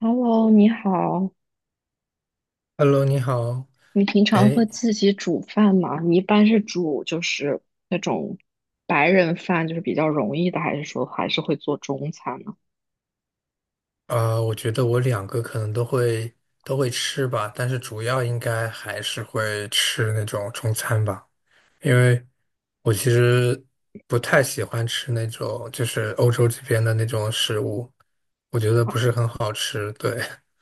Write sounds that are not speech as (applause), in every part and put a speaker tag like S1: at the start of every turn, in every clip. S1: Hello，你好，
S2: Hello，你好。
S1: 你平常
S2: 哎，
S1: 会自己煮饭吗？你一般是煮就是那种白人饭，就是比较容易的，还是说还是会做中餐呢？
S2: 我觉得我两个可能都会吃吧，但是主要应该还是会吃那种中餐吧，因为我其实不太喜欢吃那种就是欧洲这边的那种食物，我觉得不是很好吃。对，(laughs)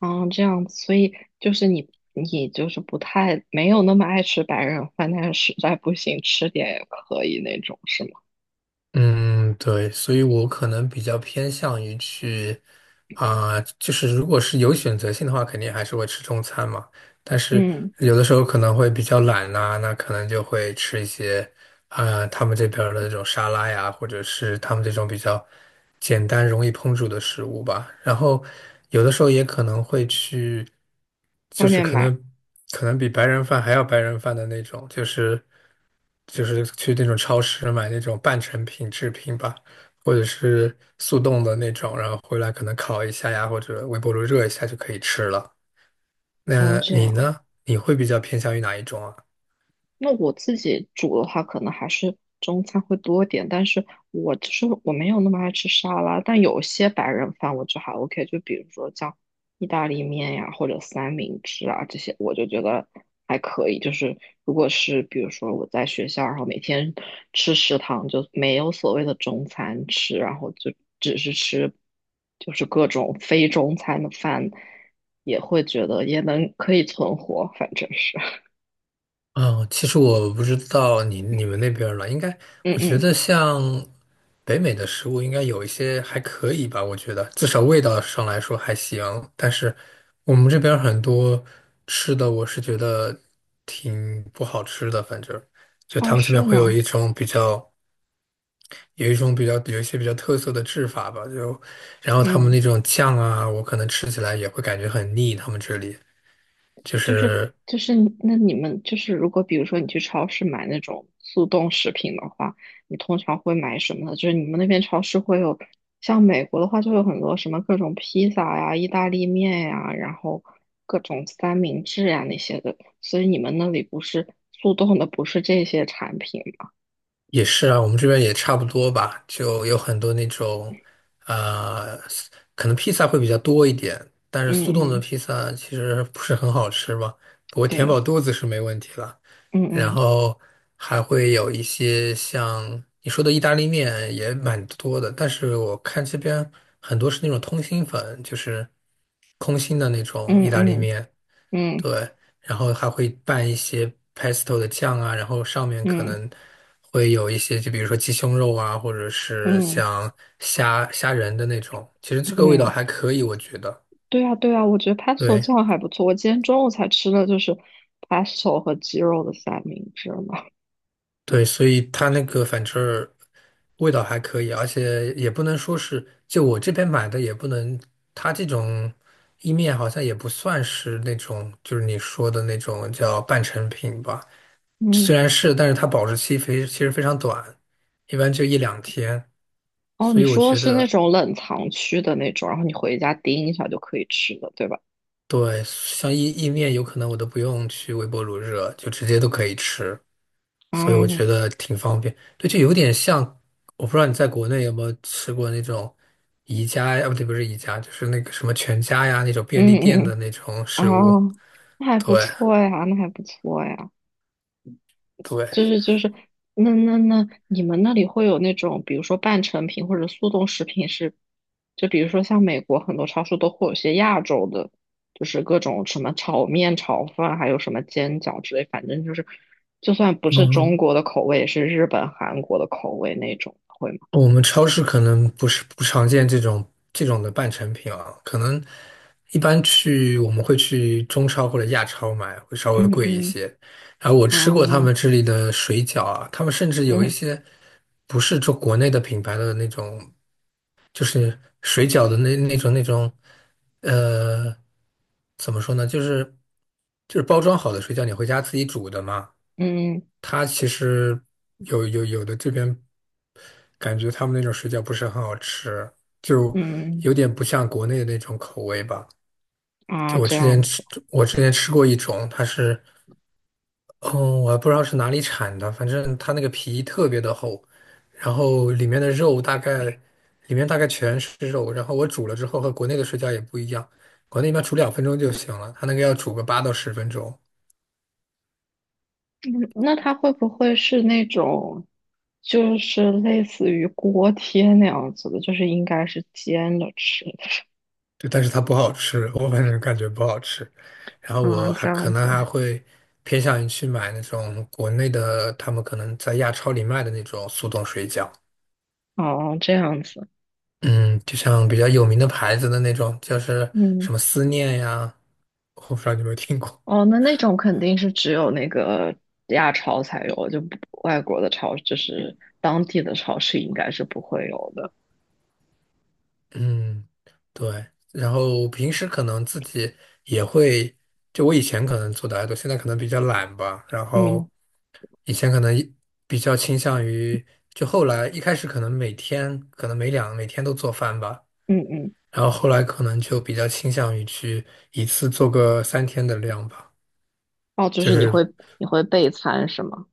S1: 嗯，这样子，所以就是你就是不太没有那么爱吃白人饭，但是实在不行吃点也可以那种，是吗？
S2: 嗯，对，所以我可能比较偏向于去就是如果是有选择性的话，肯定还是会吃中餐嘛。但是
S1: 嗯，
S2: 有的时候可能会比较懒呐、那可能就会吃一些。他们这边儿的那种沙拉呀，或者是他们这种比较简单、容易烹煮的食物吧。然后有的时候也可能会去，就
S1: 外
S2: 是
S1: 面
S2: 可
S1: 买，
S2: 能比白人饭还要白人饭的那种，就是去那种超市买那种半成品制品吧，或者是速冻的那种，然后回来可能烤一下呀，或者微波炉热一下就可以吃了。
S1: 哦，
S2: 那
S1: 这
S2: 你
S1: 样，
S2: 呢？你会比较偏向于哪一种啊？
S1: 那我自己煮的话，可能还是中餐会多一点，但是我就是我没有那么爱吃沙拉，但有些白人饭我就还 OK，就比如说像意大利面呀，或者三明治啊这些，我就觉得还可以。就是如果是比如说我在学校，然后每天吃食堂，就没有所谓的中餐吃，然后就只是吃就是各种非中餐的饭，也会觉得也能可以存活，反正是，
S2: 嗯，其实我不知道你们那边儿了，应该
S1: (laughs) 嗯
S2: 我觉
S1: 嗯，
S2: 得像北美的食物应该有一些还可以吧，我觉得至少味道上来说还行。但是我们这边儿很多吃的，我是觉得挺不好吃的，反正就他
S1: 哦，
S2: 们这边
S1: 是
S2: 会
S1: 吗？
S2: 有一些比较特色的制法吧，然后他们
S1: 嗯，
S2: 那种酱啊，我可能吃起来也会感觉很腻，他们这里就
S1: 就是
S2: 是。
S1: 你们就是如果比如说你去超市买那种速冻食品的话，你通常会买什么呢？就是你们那边超市会有，像美国的话就有很多什么各种披萨呀、意大利面呀，然后各种三明治呀那些的，所以你们那里不是速冻的，不是这些产品吗？
S2: 也是啊，我们这边也差不多吧，就有很多那种，呃，可能披萨会比较多一点，但是速冻
S1: 嗯
S2: 的
S1: 嗯，
S2: 披萨其实不是很好吃嘛，不过填
S1: 对，
S2: 饱肚子是没问题了。
S1: 嗯
S2: 然
S1: 嗯
S2: 后还会有一些像你说的意大利面也蛮多的，但是我看这边很多是那种通心粉，就是空心的那种意大
S1: 嗯
S2: 利
S1: 嗯
S2: 面，
S1: 嗯
S2: 对，然后还会拌一些 pesto 的酱啊，然后上面可
S1: 嗯嗯
S2: 能会有一些，就比如说鸡胸肉啊，或者是
S1: 嗯。
S2: 像虾仁的那种。其实这个味道还
S1: 嗯
S2: 可以，我觉得。
S1: 对啊，对啊，我觉得 pesto
S2: 对
S1: 酱还不错。我今天中午才吃的就是 pesto 和鸡肉的三明治嘛。(laughs)
S2: 对，所以它那个反正儿味道还可以，而且也不能说是，就我这边买的也不能，它这种意面好像也不算是那种，就是你说的那种叫半成品吧。
S1: 嗯，
S2: 虽然是，但是它保质期非其实非常短，一般就一两天，
S1: 哦，
S2: 所
S1: 你
S2: 以我
S1: 说的
S2: 觉
S1: 是那
S2: 得
S1: 种冷藏区的那种，然后你回家叮一下就可以吃的，对吧？
S2: 对，像意面有可能我都不用去微波炉热，就直接都可以吃，所以我觉
S1: 嗯
S2: 得挺方便。对，就有点像，我不知道你在国内有没有吃过那种宜家呀，啊不对，不是宜家，就是那个什么全家呀那种便
S1: 嗯
S2: 利店
S1: 嗯，
S2: 的
S1: 嗯
S2: 那种食物。
S1: 哦，那还不
S2: 对
S1: 错呀，那还不错呀。
S2: 对，
S1: 就是就是，那，你们那里会有那种，比如说半成品或者速冻食品是，就比如说像美国很多超市都会有些亚洲的，就是各种什么炒面、炒饭，还有什么煎饺之类，反正就是，就算不是中
S2: 嗯，
S1: 国的口味，也是日本、韩国的口味那种，会吗？
S2: 我们超市可能不常见这种的半成品啊，可能一般去我们会去中超或者亚超买，会稍微
S1: 嗯
S2: 贵一
S1: 嗯
S2: 些。然后我吃过他们
S1: 嗯
S2: 这里的水饺啊，他们甚至有一
S1: 嗯
S2: 些不是做国内的品牌的那种，就是水饺的那种，呃，怎么说呢，就是包装好的水饺，你回家自己煮的嘛，
S1: 嗯
S2: 它其实有的这边。感觉他们那种水饺不是很好吃，就
S1: 嗯
S2: 有点不像国内的那种口味吧。就
S1: 啊，
S2: 我
S1: 这
S2: 之前
S1: 样吧。
S2: 吃，我之前吃过一种，它是，嗯，我还不知道是哪里产的，反正它那个皮特别的厚，然后里面的肉大概，里面大概全是肉，然后我煮了之后和国内的水饺也不一样，国内一般煮2分钟就行了，它那个要煮个8到10分钟。
S1: 嗯那它会不会是那种，就是类似于锅贴那样子的，就是应该是煎着吃的
S2: 对，但是它不好吃，我反正感觉不好吃。然后
S1: 啊，
S2: 我还
S1: 这
S2: 可
S1: 样
S2: 能
S1: 子，
S2: 还会偏向于去买那种国内的，他们可能在亚超里卖的那种速冻水饺。
S1: 哦，这样子，
S2: 嗯，就像比较有名的牌子的那种，就是
S1: 嗯，
S2: 什么思念呀，我不知道你有没有听过。
S1: 哦，那种肯定是只有那个亚超才有，就不外国的超，就是当地的超市应该是不会有的，
S2: 嗯，对。然后平时可能自己也会，就我以前可能做的还多，现在可能比较懒吧。然
S1: 嗯
S2: 后以前可能比较倾向于，就后来一开始可能每天可能每天都做饭吧，
S1: 嗯嗯，
S2: 然后后来可能就比较倾向于去一次做个3天的量吧，
S1: 哦，就
S2: 就
S1: 是你会
S2: 是。
S1: 你会备餐是吗？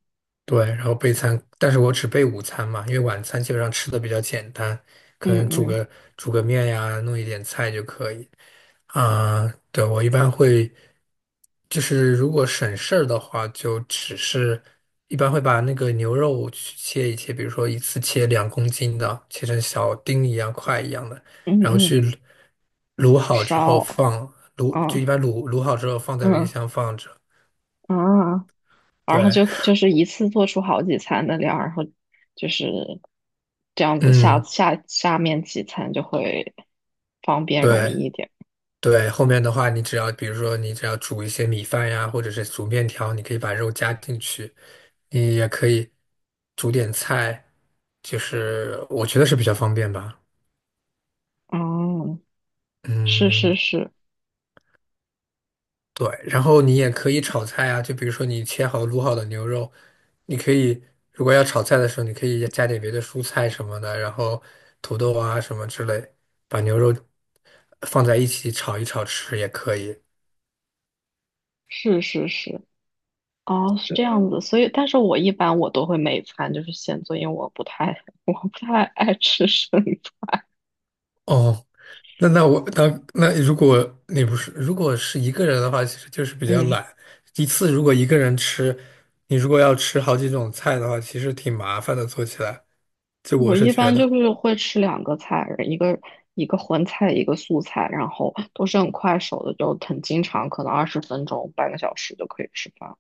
S2: 对，然后备餐，但是我只备午餐嘛，因为晚餐基本上吃的比较简单，可能
S1: 嗯嗯
S2: 煮个面呀，弄一点菜就可以。啊、对，我一般会，就是如果省事儿的话，就只是一般会把那个牛肉去切一切，比如说一次切2公斤的，切成小丁一样块一样的，
S1: 嗯
S2: 然后
S1: 嗯，
S2: 去卤好之后
S1: 烧，
S2: 就一
S1: 啊
S2: 般卤好之后放在冰
S1: 嗯
S2: 箱放着。
S1: 嗯啊。然后
S2: 对，
S1: 就是一次做出好几餐的量，然后就是这样子下
S2: 嗯，
S1: 下下面几餐就会方便容易
S2: 对。
S1: 一点。
S2: 对，后面的话，你只要比如说你只要煮一些米饭呀，或者是煮面条，你可以把肉加进去，你也可以煮点菜，就是我觉得是比较方便吧。
S1: 哦，是是
S2: 嗯，
S1: 是
S2: 对，然后你也可以炒菜啊，就比如说你切好卤好的牛肉，你可以如果要炒菜的时候，你可以加点别的蔬菜什么的，然后土豆啊什么之类，把牛肉放在一起炒一炒吃也可以。
S1: 是是是，哦，是这样子。所以，但是我一般我都会每餐就是先做，因为我不太 (laughs) 我不太爱吃生的。
S2: 哦，那那我那那如果你不是如果是一个人的话，其实就是比较
S1: 嗯，
S2: 懒。一次如果一个人吃，你如果要吃好几种菜的话，其实挺麻烦的，做起来。就我
S1: 我
S2: 是
S1: 一
S2: 觉
S1: 般就
S2: 得，
S1: 是会吃两个菜，一个荤菜，一个素菜，然后都是很快手的，就很经常，可能20分钟、半个小时就可以吃饭。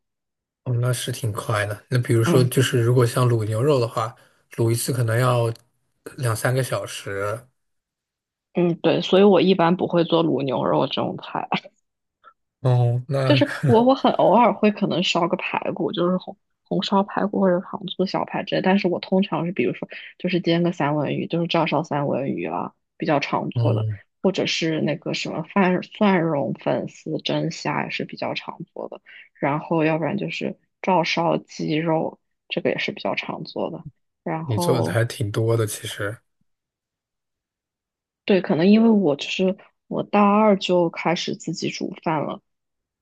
S2: 哦，那是挺快的。那比如说，
S1: 嗯
S2: 就是如果像卤牛肉的话，卤一次可能要两三个小时。
S1: 嗯，对，所以我一般不会做卤牛肉这种菜，
S2: 哦，
S1: (laughs) 就
S2: 那
S1: 是我
S2: (laughs)
S1: 我很偶尔会可能烧个排骨，就是红烧排骨或者糖醋小排之类，但是我通常是比如说就是煎个三文鱼，就是照烧三文鱼啊，比较常做的，
S2: 嗯，
S1: 或者是那个什么蒜蓉粉丝蒸虾也是比较常做的，然后要不然就是照烧鸡肉，这个也是比较常做的。然
S2: 你做的
S1: 后
S2: 还挺多的，其实。
S1: 对，可能因为我就是我大二就开始自己煮饭了。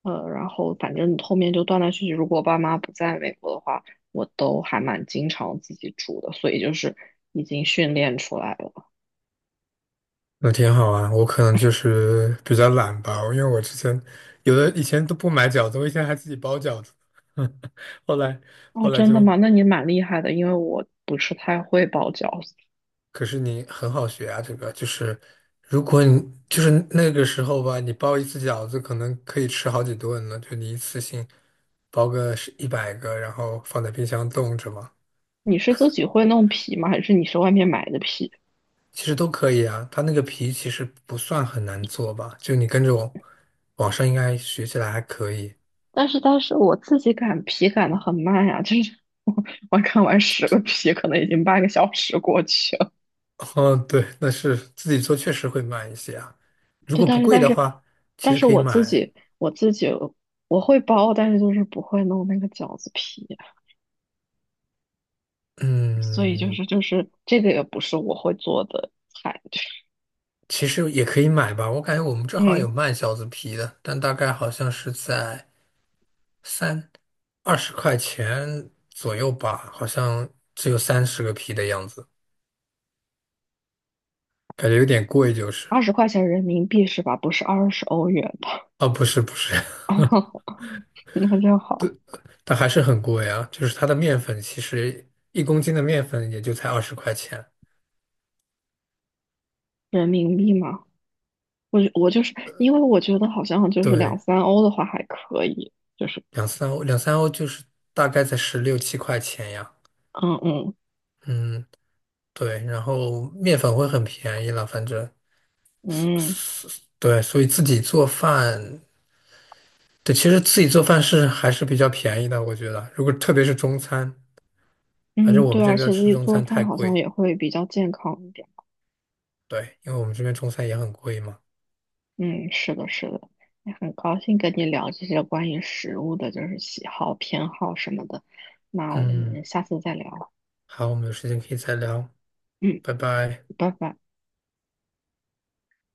S1: 呃，然后反正后面就断断续续，如果我爸妈不在美国的话，我都还蛮经常自己煮的，所以就是已经训练出来了。
S2: 那挺好啊，我可能就是比较懒吧，因为我之前有的以前都不买饺子，我以前还自己包饺子，(laughs) 后来
S1: 哦，
S2: 后来
S1: 真的吗？
S2: 就，
S1: 那你蛮厉害的，因为我不是太会包饺子。
S2: 可是你很好学啊，这个就是如果你就是那个时候吧，你包一次饺子可能可以吃好几顿呢，就你一次性包个是100个，然后放在冰箱冻着嘛，
S1: 你是自己会弄皮吗？还是你是外面买的皮？
S2: 其实都可以啊，它那个皮其实不算很难做吧，就你跟着我，网上应该学起来还可以。
S1: 但是我自己擀皮擀的很慢呀，就是 (laughs) 我我擀完10个皮，可能已经半个小时过去了。
S2: 哦，对，那是自己做确实会慢一些啊。
S1: (laughs)
S2: 如
S1: 对，
S2: 果
S1: 但
S2: 不
S1: 是
S2: 贵
S1: 但
S2: 的
S1: 是
S2: 话，其
S1: 但
S2: 实
S1: 是
S2: 可以
S1: 我自
S2: 买。
S1: 己我自己我会包，但是就是不会弄那个饺子皮。所以就
S2: 嗯，
S1: 是就是这个也不是我会做的菜，就是
S2: 其实也可以买吧。我感觉我们这好像有
S1: 嗯，
S2: 卖饺子皮的，但大概好像是在三二十块钱左右吧，好像只有30个皮的样子，感觉有点贵就是。
S1: 20块钱人民币是吧？不是20欧元吧？
S2: 哦，不是不是，
S1: (laughs) 那就好，
S2: (laughs) 但还是很贵啊。就是它的面粉，其实1公斤的面粉也就才二十块钱。
S1: 人民币嘛。我我就是因为我觉得好像就是两
S2: 对，
S1: 三欧的话还可以，就是
S2: 两三欧，两三欧就是大概在十六七块钱呀。
S1: 嗯嗯
S2: 嗯，对，然后面粉会很便宜了，反正
S1: 嗯
S2: 对，所以自己做饭，对，其实自己做饭是还是比较便宜的，我觉得。如果特别是中餐，反正
S1: 嗯，
S2: 我
S1: 对，
S2: 们这
S1: 而
S2: 边
S1: 且自
S2: 吃
S1: 己
S2: 中
S1: 做
S2: 餐太
S1: 饭好像
S2: 贵，
S1: 也会比较健康一点。
S2: 对，因为我们这边中餐也很贵嘛。
S1: 嗯，是的，是的，也很高兴跟你聊这些关于食物的，就是喜好、偏好什么的。那我
S2: 嗯，
S1: 们下次再聊。
S2: 好，我们有时间可以再聊，
S1: 嗯，
S2: 拜拜。
S1: 拜拜。